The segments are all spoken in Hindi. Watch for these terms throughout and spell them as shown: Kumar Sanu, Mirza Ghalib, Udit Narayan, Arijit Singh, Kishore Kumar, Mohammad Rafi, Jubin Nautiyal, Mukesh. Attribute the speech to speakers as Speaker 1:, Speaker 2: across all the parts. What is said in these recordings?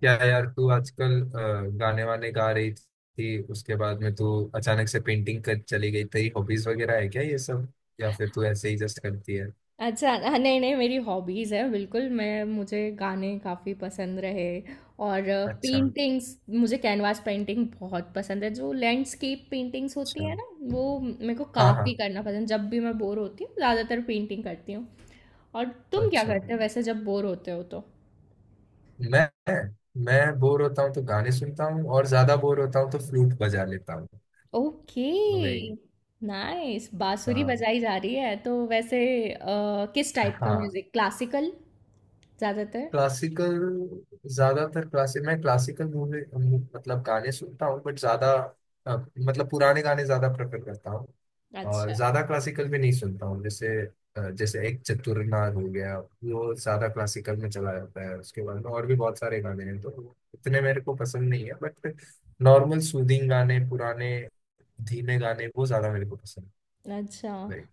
Speaker 1: क्या यार तू आजकल गाने वाने गा रही थी? उसके बाद में तू अचानक से पेंटिंग कर चली गई। तेरी हॉबीज वगैरह है क्या ये सब, या फिर तू ऐसे ही जस्ट करती है?
Speaker 2: अच्छा हाँ, नहीं नहीं, मेरी हॉबीज़ है। बिल्कुल मैं, मुझे गाने काफ़ी पसंद रहे। और
Speaker 1: अच्छा।
Speaker 2: पेंटिंग्स, मुझे कैनवास पेंटिंग बहुत पसंद है। जो लैंडस्केप पेंटिंग्स होती
Speaker 1: अच्छा।
Speaker 2: है ना, वो मेरे को
Speaker 1: हाँ
Speaker 2: काफ़ी
Speaker 1: हाँ।
Speaker 2: करना पसंद। जब भी मैं बोर होती हूँ ज़्यादातर पेंटिंग करती हूँ। और तुम क्या
Speaker 1: अच्छा।
Speaker 2: करते हो वैसे जब बोर होते हो तो?
Speaker 1: मैं मैं बोर होता हूँ तो गाने सुनता हूँ, और ज्यादा बोर होता हूँ तो फ्लूट बजा लेता हूँ।
Speaker 2: ओके।
Speaker 1: तो वही।
Speaker 2: नाइस, बांसुरी
Speaker 1: हाँ
Speaker 2: बजाई जा रही है तो वैसे किस टाइप का
Speaker 1: हाँ।
Speaker 2: म्यूज़िक? क्लासिकल ज़्यादातर?
Speaker 1: क्लासिकल। ज्यादातर क्लासिक, मैं क्लासिकल मूवी मतलब गाने सुनता हूँ, बट ज्यादा अ, मतलब पुराने गाने ज्यादा प्रेफर करता हूँ। और
Speaker 2: अच्छा
Speaker 1: ज्यादा क्लासिकल भी नहीं सुनता हूँ। जैसे जैसे एक चतुरनार हो गया, वो ज्यादा क्लासिकल में चला जाता है। उसके बाद में और भी बहुत सारे गाने हैं तो इतने मेरे को पसंद नहीं है, बट नॉर्मल सूदिंग गाने पुराने, धीमे गाने वो ज्यादा मेरे को पसंद
Speaker 2: अच्छा।
Speaker 1: है। Like,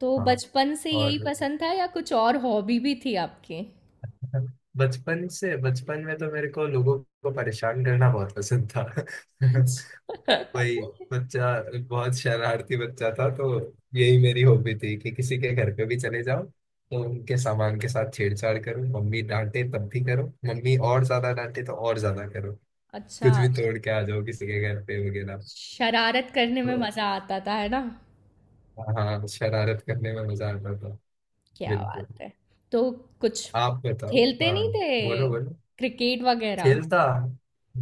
Speaker 2: तो
Speaker 1: हाँ।
Speaker 2: बचपन से यही
Speaker 1: और
Speaker 2: पसंद था या कुछ और हॉबी भी थी आपकी?
Speaker 1: बचपन से, बचपन में तो मेरे को लोगों को परेशान करना बहुत पसंद था।
Speaker 2: अच्छा
Speaker 1: वही, बच्चा, बहुत शरारती बच्चा था तो। यही मेरी हॉबी थी कि किसी के घर पे भी चले जाओ तो उनके सामान के साथ छेड़छाड़ करो। मम्मी डांटे तब भी करो, मम्मी और ज्यादा डांटे तो और ज्यादा करो।
Speaker 2: अच्छा,
Speaker 1: कुछ भी तोड़ के आ जाओ किसी के घर पे वगैरह।
Speaker 2: शरारत करने में
Speaker 1: तो
Speaker 2: मज़ा आता था, है ना?
Speaker 1: हाँ, शरारत करने में मजा आता था।
Speaker 2: क्या
Speaker 1: बिल्कुल।
Speaker 2: बात है! तो कुछ
Speaker 1: आप बताओ।
Speaker 2: खेलते
Speaker 1: हाँ,
Speaker 2: नहीं
Speaker 1: बोलो
Speaker 2: थे,
Speaker 1: बोलो।
Speaker 2: क्रिकेट वगैरह?
Speaker 1: खेलता,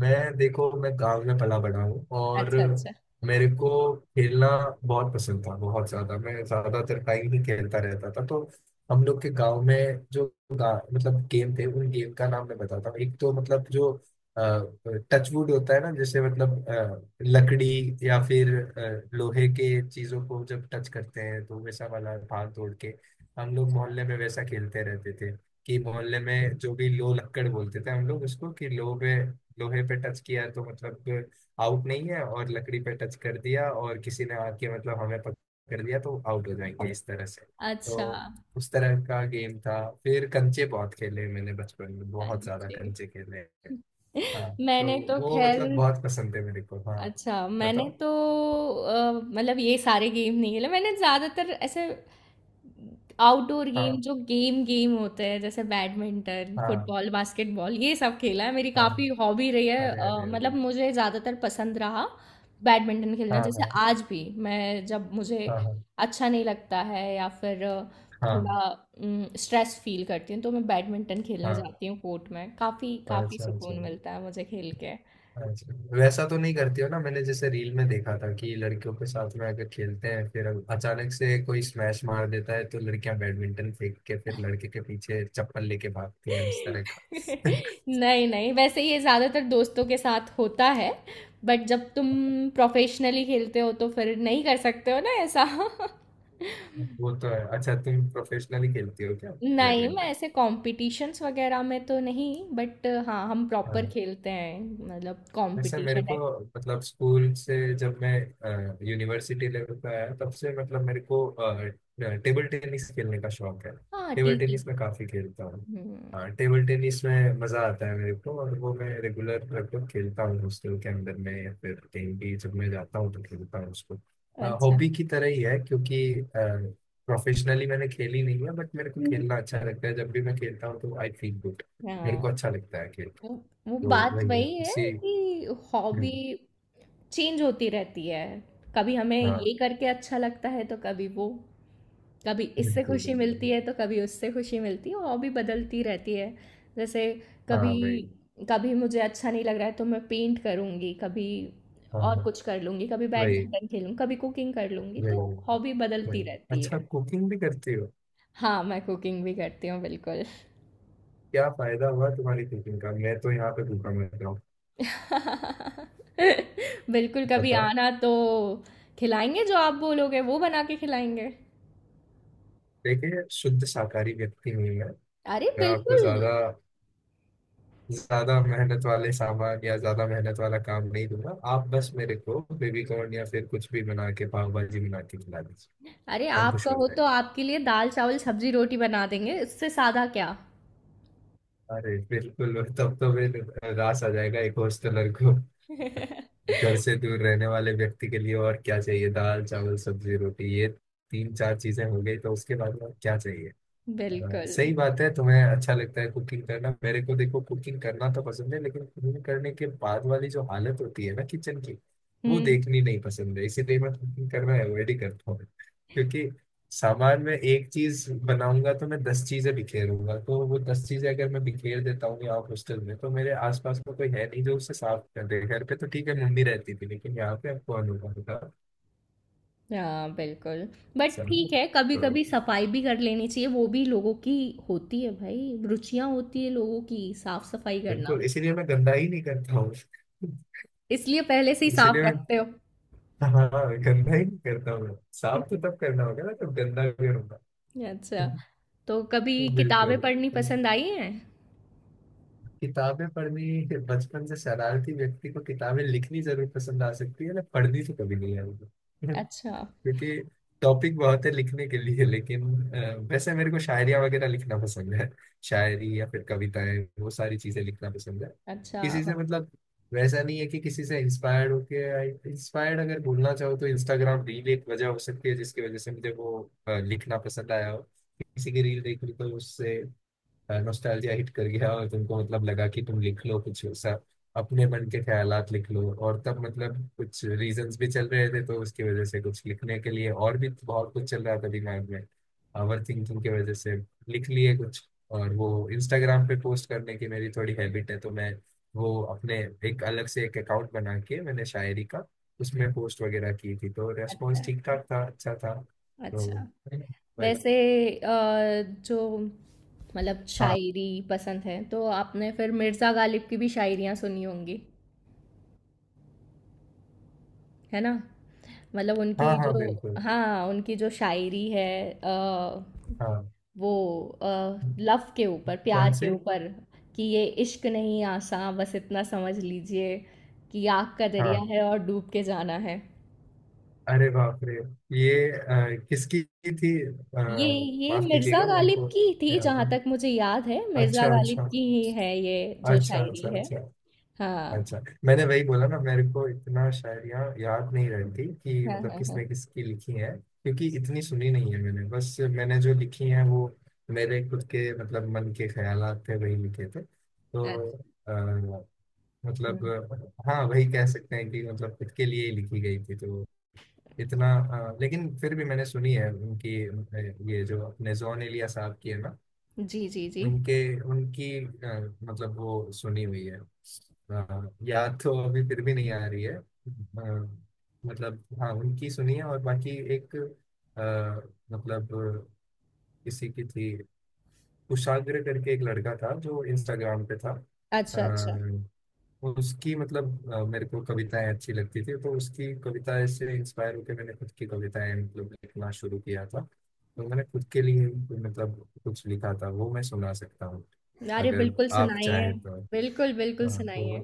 Speaker 1: मैं देखो मैं गांव में पला बड़ा हूँ, और
Speaker 2: अच्छा, अच्छा।
Speaker 1: मेरे को खेलना बहुत पसंद था। बहुत ज्यादा, मैं ज्यादातर टाइम ही खेलता रहता था। तो हम लोग के गांव में जो मतलब गेम थे, उन गेम का नाम मैं बताता हूँ। एक तो मतलब जो टचवुड होता है ना, जैसे मतलब लकड़ी या फिर लोहे के चीजों को जब टच करते हैं तो वैसा वाला, भाग दौड़ के हम लोग मोहल्ले में वैसा खेलते रहते थे। कि मोहल्ले में जो भी लो, लक्कड़ बोलते थे हम लोग उसको, कि लो पे, लोहे पे टच किया तो मतलब आउट नहीं है, और लकड़ी पे टच कर दिया और किसी ने आके मतलब हमें पकड़ लिया तो आउट हो जाएंगे, इस तरह से। तो
Speaker 2: अच्छा।
Speaker 1: उस तरह का गेम था। फिर कंचे बहुत खेले, मैंने बचपन में बहुत ज्यादा
Speaker 2: कंचे।
Speaker 1: कंचे खेले हैं। हाँ तो
Speaker 2: मैंने तो
Speaker 1: वो
Speaker 2: खैर,
Speaker 1: मतलब बहुत पसंद है मेरे को। हाँ
Speaker 2: अच्छा, मैंने
Speaker 1: बताओ।
Speaker 2: तो मतलब ये सारे गेम नहीं खेले। मैंने ज़्यादातर ऐसे आउटडोर गेम,
Speaker 1: हाँ
Speaker 2: जो गेम गेम होते हैं, जैसे बैडमिंटन,
Speaker 1: हाँ
Speaker 2: फुटबॉल, बास्केटबॉल, ये सब खेला है। मेरी
Speaker 1: हाँ।
Speaker 2: काफ़ी हॉबी रही है।
Speaker 1: अरे अरे
Speaker 2: मतलब
Speaker 1: अरे।
Speaker 2: मुझे ज़्यादातर पसंद रहा बैडमिंटन खेलना।
Speaker 1: हाँ
Speaker 2: जैसे
Speaker 1: हाँ
Speaker 2: आज भी मैं जब, मुझे
Speaker 1: हाँ
Speaker 2: अच्छा नहीं लगता है या फिर
Speaker 1: हाँ
Speaker 2: थोड़ा स्ट्रेस फील करती हूँ तो मैं बैडमिंटन खेलने
Speaker 1: हाँ
Speaker 2: जाती हूँ कोर्ट में। काफ़ी
Speaker 1: हाँ।
Speaker 2: काफ़ी
Speaker 1: अच्छा अच्छा।
Speaker 2: सुकून मिलता है मुझे खेल के।
Speaker 1: अच्छा, वैसा तो नहीं करती हो ना? मैंने जैसे रील में देखा था कि लड़कियों के साथ में अगर खेलते हैं, फिर अचानक से कोई स्मैश मार देता है तो लड़कियां बैडमिंटन फेंक के फिर लड़के के पीछे चप्पल लेके भागती हैं, इस तरह का।
Speaker 2: नहीं नहीं, वैसे ये ज़्यादातर दोस्तों के साथ होता है। बट जब तुम प्रोफेशनली खेलते हो तो फिर नहीं कर सकते हो ना ऐसा।
Speaker 1: वो तो है। अच्छा, तुम प्रोफेशनली खेलती हो क्या
Speaker 2: नहीं, मैं
Speaker 1: बैडमिंटन?
Speaker 2: ऐसे कॉम्पिटिशन्स वगैरह में तो नहीं, बट हाँ, हम प्रॉपर खेलते हैं, मतलब
Speaker 1: नहीं सर, मेरे
Speaker 2: कॉम्पिटिशन
Speaker 1: को
Speaker 2: टाइप।
Speaker 1: मतलब स्कूल से, जब मैं यूनिवर्सिटी लेवल पे आया तब से मतलब मेरे को टेबल टेनिस खेलने का शौक है।
Speaker 2: हाँ,
Speaker 1: टेबल
Speaker 2: TT।
Speaker 1: टेनिस मैं काफी खेलता हूँ।
Speaker 2: हम्म।
Speaker 1: टेबल टेनिस में मजा आता है मेरे को, और वो मैं रेगुलर लगभग खेलता हूँ हॉस्टल के अंदर में, या फिर कहीं भी जब मैं जाता हूँ तो खेलता हूँ उसको।
Speaker 2: अच्छा।
Speaker 1: हॉबी की तरह ही है, क्योंकि प्रोफेशनली मैंने खेली नहीं है, बट मेरे को खेलना अच्छा लगता है। जब भी मैं खेलता हूँ तो आई फील गुड, मेरे
Speaker 2: हाँ,
Speaker 1: को अच्छा लगता है खेल के।
Speaker 2: वो वो
Speaker 1: तो
Speaker 2: बात
Speaker 1: वही है
Speaker 2: वही है
Speaker 1: इसी।
Speaker 2: कि हॉबी
Speaker 1: हम्म।
Speaker 2: चेंज होती रहती है। कभी हमें
Speaker 1: हाँ
Speaker 2: ये करके अच्छा लगता है तो कभी वो। कभी इससे
Speaker 1: बिल्कुल
Speaker 2: खुशी
Speaker 1: बिल्कुल।
Speaker 2: मिलती है तो कभी उससे खुशी मिलती है। हॉबी बदलती रहती है। जैसे
Speaker 1: हाँ
Speaker 2: कभी,
Speaker 1: वही।
Speaker 2: कभी मुझे अच्छा नहीं लग रहा है तो मैं पेंट करूँगी, कभी
Speaker 1: हाँ
Speaker 2: और
Speaker 1: हाँ।
Speaker 2: कुछ कर लूँगी, कभी
Speaker 1: वही
Speaker 2: बैडमिंटन खेलूँ, कभी कुकिंग कर लूँगी।
Speaker 1: वही
Speaker 2: तो
Speaker 1: वही।
Speaker 2: हॉबी बदलती
Speaker 1: वही।
Speaker 2: रहती
Speaker 1: अच्छा
Speaker 2: है।
Speaker 1: कुकिंग भी करती हो?
Speaker 2: हाँ, मैं कुकिंग भी करती हूँ बिल्कुल।
Speaker 1: क्या फायदा हुआ तुम्हारी कुकिंग का, मैं तो यहाँ पे भूखा मर रहा हूँ।
Speaker 2: बिल्कुल, कभी
Speaker 1: बताओ।
Speaker 2: आना तो खिलाएंगे। जो आप बोलोगे वो बना के खिलाएंगे।
Speaker 1: देखिए, शुद्ध शाकाहारी व्यक्ति हूँ मैं।
Speaker 2: अरे
Speaker 1: मैं आपको
Speaker 2: बिल्कुल।
Speaker 1: ज्यादा, ज्यादा मेहनत वाले सामान या ज्यादा मेहनत वाला काम नहीं दूंगा। आप बस मेरे को बेबी कॉर्न या फिर कुछ भी बना के, पाव भाजी बना के खिला दीजिए,
Speaker 2: अरे
Speaker 1: हम
Speaker 2: आप
Speaker 1: खुश हो
Speaker 2: कहो तो
Speaker 1: जाएंगे।
Speaker 2: आपके लिए दाल चावल सब्जी रोटी बना देंगे। इससे सादा क्या।
Speaker 1: अरे बिल्कुल, तब तो फिर रास आ जाएगा एक हॉस्टलर को, घर से दूर रहने वाले व्यक्ति के लिए। और क्या चाहिए, दाल चावल सब्जी रोटी ये तीन चार चीजें हो गई तो उसके बाद और क्या चाहिए। हाँ,
Speaker 2: बिल्कुल।
Speaker 1: सही बात है। तुम्हें अच्छा लगता है कुकिंग करना, मेरे को देखो कुकिंग करना तो पसंद है, लेकिन कुकिंग करने के बाद वाली जो हालत होती है ना किचन की, वो
Speaker 2: हम्म।
Speaker 1: देखनी नहीं पसंद है, इसीलिए मैं कुकिंग करना अवॉइड ही करता हूँ। क्योंकि सामान में एक चीज बनाऊंगा तो मैं दस चीजें बिखेरूंगा, तो वो दस चीजें अगर मैं बिखेर देता हूँ यहाँ हॉस्टल में, तो मेरे आसपास में कोई है नहीं जो उसे साफ कर दे। घर पे तो ठीक है, मम्मी रहती थी, लेकिन यहाँ पे अब कौन होगा, बताओ।
Speaker 2: हाँ बिल्कुल, बट
Speaker 1: समझे।
Speaker 2: ठीक है कभी
Speaker 1: तो
Speaker 2: कभी सफाई भी कर लेनी चाहिए। वो भी लोगों की होती है भाई, रुचियां होती है लोगों की साफ सफाई करना।
Speaker 1: बिल्कुल, इसीलिए मैं गंदा ही नहीं करता हूँ।
Speaker 2: इसलिए पहले से ही साफ
Speaker 1: इसीलिए मैं,
Speaker 2: रखते हो।
Speaker 1: हाँ, गंदा ही नहीं करता हूँ। साफ तो तब करना होगा ना, तब गंदा करूंगा।
Speaker 2: अच्छा, तो कभी किताबें
Speaker 1: बिल्कुल।
Speaker 2: पढ़नी पसंद आई हैं?
Speaker 1: किताबें पढ़नी, बचपन से शरारती व्यक्ति को किताबें लिखनी जरूर पसंद आ सकती है ना, पढ़नी तो कभी नहीं आएगी।
Speaker 2: अच्छा
Speaker 1: क्योंकि टॉपिक बहुत है लिखने के लिए, लेकिन वैसे मेरे को शायरिया वगैरह लिखना पसंद है। शायरी या फिर कविताएं, वो सारी चीजें लिखना पसंद है।
Speaker 2: अच्छा।
Speaker 1: किसी से मतलब, वैसा नहीं है कि किसी से इंस्पायर्ड होके, इंस्पायर्ड अगर बोलना चाहो तो इंस्टाग्राम रील एक वजह हो सकती है जिसकी वजह से मुझे वो लिखना पसंद आया हो। किसी की रील देख ली तो उससे नोस्टैल्जिया हिट कर गया, और तुमको मतलब लगा कि तुम लिख लो कुछ सा, अपने मन के ख्यालात लिख लो। और तब मतलब कुछ रीजंस भी चल रहे थे तो उसकी वजह से कुछ लिखने के लिए, और भी बहुत कुछ चल रहा था दिमाग में ओवर थिंकिंग की वजह से, लिख लिए कुछ। और वो इंस्टाग्राम पे पोस्ट करने की मेरी थोड़ी हैबिट है, तो मैं वो अपने, एक अलग से एक अकाउंट बना के मैंने शायरी का उसमें पोस्ट वगैरह की थी, तो
Speaker 2: अच्छा
Speaker 1: रेस्पॉन्स ठीक ठाक था, अच्छा था। तो
Speaker 2: अच्छा।
Speaker 1: वही।
Speaker 2: वैसे जो, मतलब
Speaker 1: हाँ
Speaker 2: शायरी पसंद है तो आपने फिर मिर्ज़ा गालिब की भी शायरियाँ सुनी होंगी, है ना? मतलब
Speaker 1: हाँ
Speaker 2: उनकी जो,
Speaker 1: हाँ बिल्कुल।
Speaker 2: हाँ, उनकी जो शायरी है, अ,
Speaker 1: हाँ
Speaker 2: वो लव के ऊपर, प्यार
Speaker 1: कौन
Speaker 2: के
Speaker 1: सी?
Speaker 2: ऊपर, कि ये इश्क नहीं आसा, बस इतना समझ लीजिए, कि आग का दरिया
Speaker 1: हाँ,
Speaker 2: है और डूब के जाना है।
Speaker 1: अरे बाप रे, ये किसकी थी
Speaker 2: ये ये
Speaker 1: माफ
Speaker 2: मिर्ज़ा
Speaker 1: कीजिएगा, मेरे
Speaker 2: गालिब
Speaker 1: को
Speaker 2: की थी जहाँ
Speaker 1: नहीं।
Speaker 2: तक मुझे याद है। मिर्ज़ा
Speaker 1: अच्छा
Speaker 2: गालिब
Speaker 1: अच्छा।
Speaker 2: की ही है ये, जो
Speaker 1: अच्छा
Speaker 2: शायरी
Speaker 1: अच्छा
Speaker 2: है।
Speaker 1: अच्छा।
Speaker 2: हाँ
Speaker 1: अच्छा मैंने वही बोला ना, मेरे को इतना शायरियाँ याद नहीं रहती कि
Speaker 2: हाँ
Speaker 1: मतलब
Speaker 2: हाँ। हाँ।
Speaker 1: किसने किसकी लिखी है। क्योंकि इतनी सुनी नहीं है मैंने, बस मैंने जो लिखी है वो मेरे खुद के मतलब मन के ख्यालात थे, वही लिखे थे
Speaker 2: अच्छा।
Speaker 1: तो अ, मतलब
Speaker 2: हम्म।
Speaker 1: हाँ, वही कह सकते हैं कि मतलब खुद के लिए ही लिखी गई थी। तो इतना लेकिन फिर भी मैंने सुनी है उनकी ये जो अपने जॉन एलिया साहब की है ना,
Speaker 2: जी जी जी।
Speaker 1: उनके उनकी मतलब वो सुनी हुई है, याद तो अभी फिर भी नहीं आ रही है। मतलब हाँ, उनकी सुनी है। और बाकी एक अ, मतलब किसी की थी, कुशाग्र करके एक लड़का था जो इंस्टाग्राम पे था,
Speaker 2: अच्छा अच्छा।
Speaker 1: उसकी मतलब मेरे को कविताएं अच्छी लगती थी, तो उसकी कविताएं से इंस्पायर होकर मैंने खुद की कविताएं मतलब लिखना शुरू किया था। तो मैंने खुद के लिए मतलब कुछ लिखा था, वो मैं सुना सकता हूँ
Speaker 2: अरे
Speaker 1: अगर
Speaker 2: बिल्कुल
Speaker 1: आप
Speaker 2: सुनाइए।
Speaker 1: चाहें तो।
Speaker 2: बिल्कुल बिल्कुल
Speaker 1: हाँ तो
Speaker 2: सुनाइए।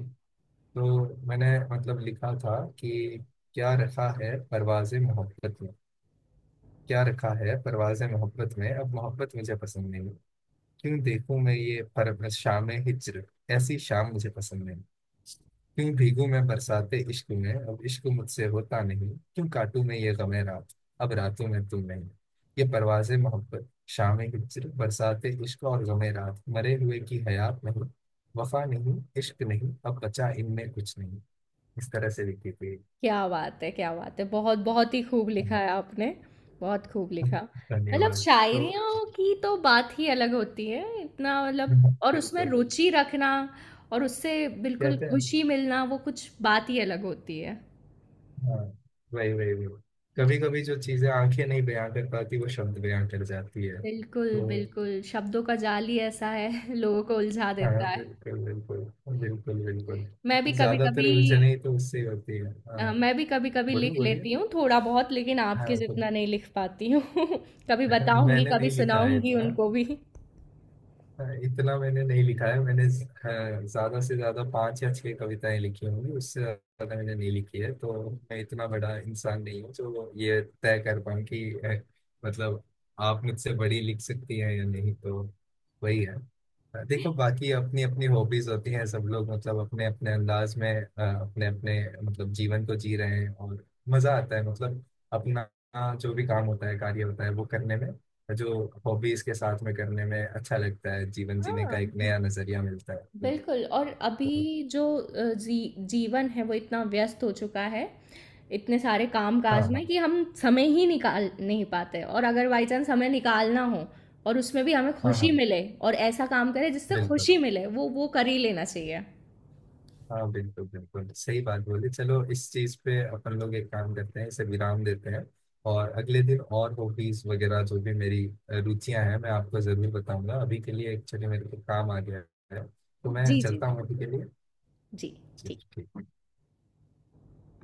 Speaker 1: तो मैंने मतलब लिखा था कि, क्या रखा है परवाज़ मोहब्बत में, क्या रखा है परवाज़ मोहब्बत में, अब मोहब्बत मुझे पसंद नहीं। क्यों देखूं मैं ये परवश शाम हिजर, ऐसी शाम मुझे पसंद नहीं। क्यों भीगू मैं बरसाते इश्क में, अब इश्क मुझसे होता नहीं। क्यों काटू मैं ये गमे रात, अब रातों में तुम नहीं। ये परवाज़े मोहब्बत, शाम हिजर, बरसाते इश्क और गमे रात, मरे हुए की हयात नहीं। वफा नहीं, इश्क नहीं, अब बचा इनमें कुछ नहीं। इस तरह से लिखी थी।
Speaker 2: क्या बात है! क्या बात है! बहुत, बहुत ही खूब लिखा
Speaker 1: हाँ,
Speaker 2: है आपने, बहुत खूब
Speaker 1: हाँ,
Speaker 2: लिखा। मतलब
Speaker 1: धन्यवाद। तो
Speaker 2: शायरियों की तो बात ही अलग होती है, इतना मतलब। और उसमें
Speaker 1: बिल्कुल।
Speaker 2: रुचि रखना, और उससे बिल्कुल
Speaker 1: कहते हैं,
Speaker 2: खुशी मिलना, वो कुछ बात ही अलग होती है।
Speaker 1: हाँ वही वही वही, कभी कभी जो चीजें आंखें नहीं बयां कर पाती वो शब्द बयां कर जाती है,
Speaker 2: बिल्कुल,
Speaker 1: तो
Speaker 2: बिल्कुल, शब्दों का जाल ही ऐसा है, लोगों को उलझा
Speaker 1: हाँ
Speaker 2: देता है।
Speaker 1: बिल्कुल बिल्कुल। बिल्कुल बिल्कुल,
Speaker 2: मैं भी
Speaker 1: ज्यादातर
Speaker 2: कभी-कभी
Speaker 1: उलझने ही तो उससे ही होती है, हाँ।
Speaker 2: मैं भी कभी-कभी
Speaker 1: बोलिए
Speaker 2: लिख
Speaker 1: बोलिए।
Speaker 2: लेती हूँ थोड़ा-बहुत, लेकिन आपके
Speaker 1: हाँ तो
Speaker 2: जितना नहीं लिख पाती हूँ। कभी बताऊँगी,
Speaker 1: मैंने
Speaker 2: कभी
Speaker 1: नहीं लिखा है
Speaker 2: सुनाऊँगी
Speaker 1: इतना।
Speaker 2: उनको भी।
Speaker 1: हाँ, इतना मैंने नहीं लिखा है। हाँ, ज्यादा से ज्यादा 5 या 6 कविताएं लिखी होंगी, उससे ज्यादा मैंने नहीं लिखी है। तो मैं इतना बड़ा इंसान नहीं हूँ जो ये तय कर पाऊँ कि मतलब आप मुझसे बड़ी लिख सकती हैं या नहीं। तो वही है। देखो बाकी अपनी अपनी हॉबीज होती हैं, सब लोग मतलब अपने अपने अंदाज में अपने अपने मतलब जीवन को जी रहे हैं, और मजा आता है मतलब अपना जो भी काम होता है, कार्य होता है, वो करने में, जो हॉबीज के साथ में करने में अच्छा लगता है, जीवन जीने का
Speaker 2: हाँ।
Speaker 1: एक नया नजरिया मिलता है तो,
Speaker 2: बिल्कुल, और अभी जो जी, जीवन है वो इतना व्यस्त हो चुका है, इतने सारे काम
Speaker 1: हाँ
Speaker 2: काज
Speaker 1: हाँ
Speaker 2: में, कि हम समय ही निकाल नहीं पाते। और अगर बाई चांस समय निकालना हो और उसमें भी हमें
Speaker 1: हाँ
Speaker 2: खुशी
Speaker 1: हाँ
Speaker 2: मिले, और ऐसा काम करें जिससे
Speaker 1: बिल्कुल।
Speaker 2: खुशी मिले, वो कर ही लेना चाहिए।
Speaker 1: हाँ बिल्कुल बिल्कुल, सही बात बोली। चलो इस चीज पे अपन लोग एक काम करते हैं, इसे विराम देते हैं, और अगले दिन और हॉबीज वगैरह जो भी मेरी रुचियां हैं मैं आपको जरूर बताऊंगा। अभी के लिए एक्चुअली मेरे को काम आ गया है, तो
Speaker 2: जी
Speaker 1: मैं
Speaker 2: जी
Speaker 1: चलता
Speaker 2: जी,
Speaker 1: हूँ अभी
Speaker 2: बिल्कुल।
Speaker 1: के लिए।
Speaker 2: जी।
Speaker 1: जी,
Speaker 2: ठीक।
Speaker 1: ठीक।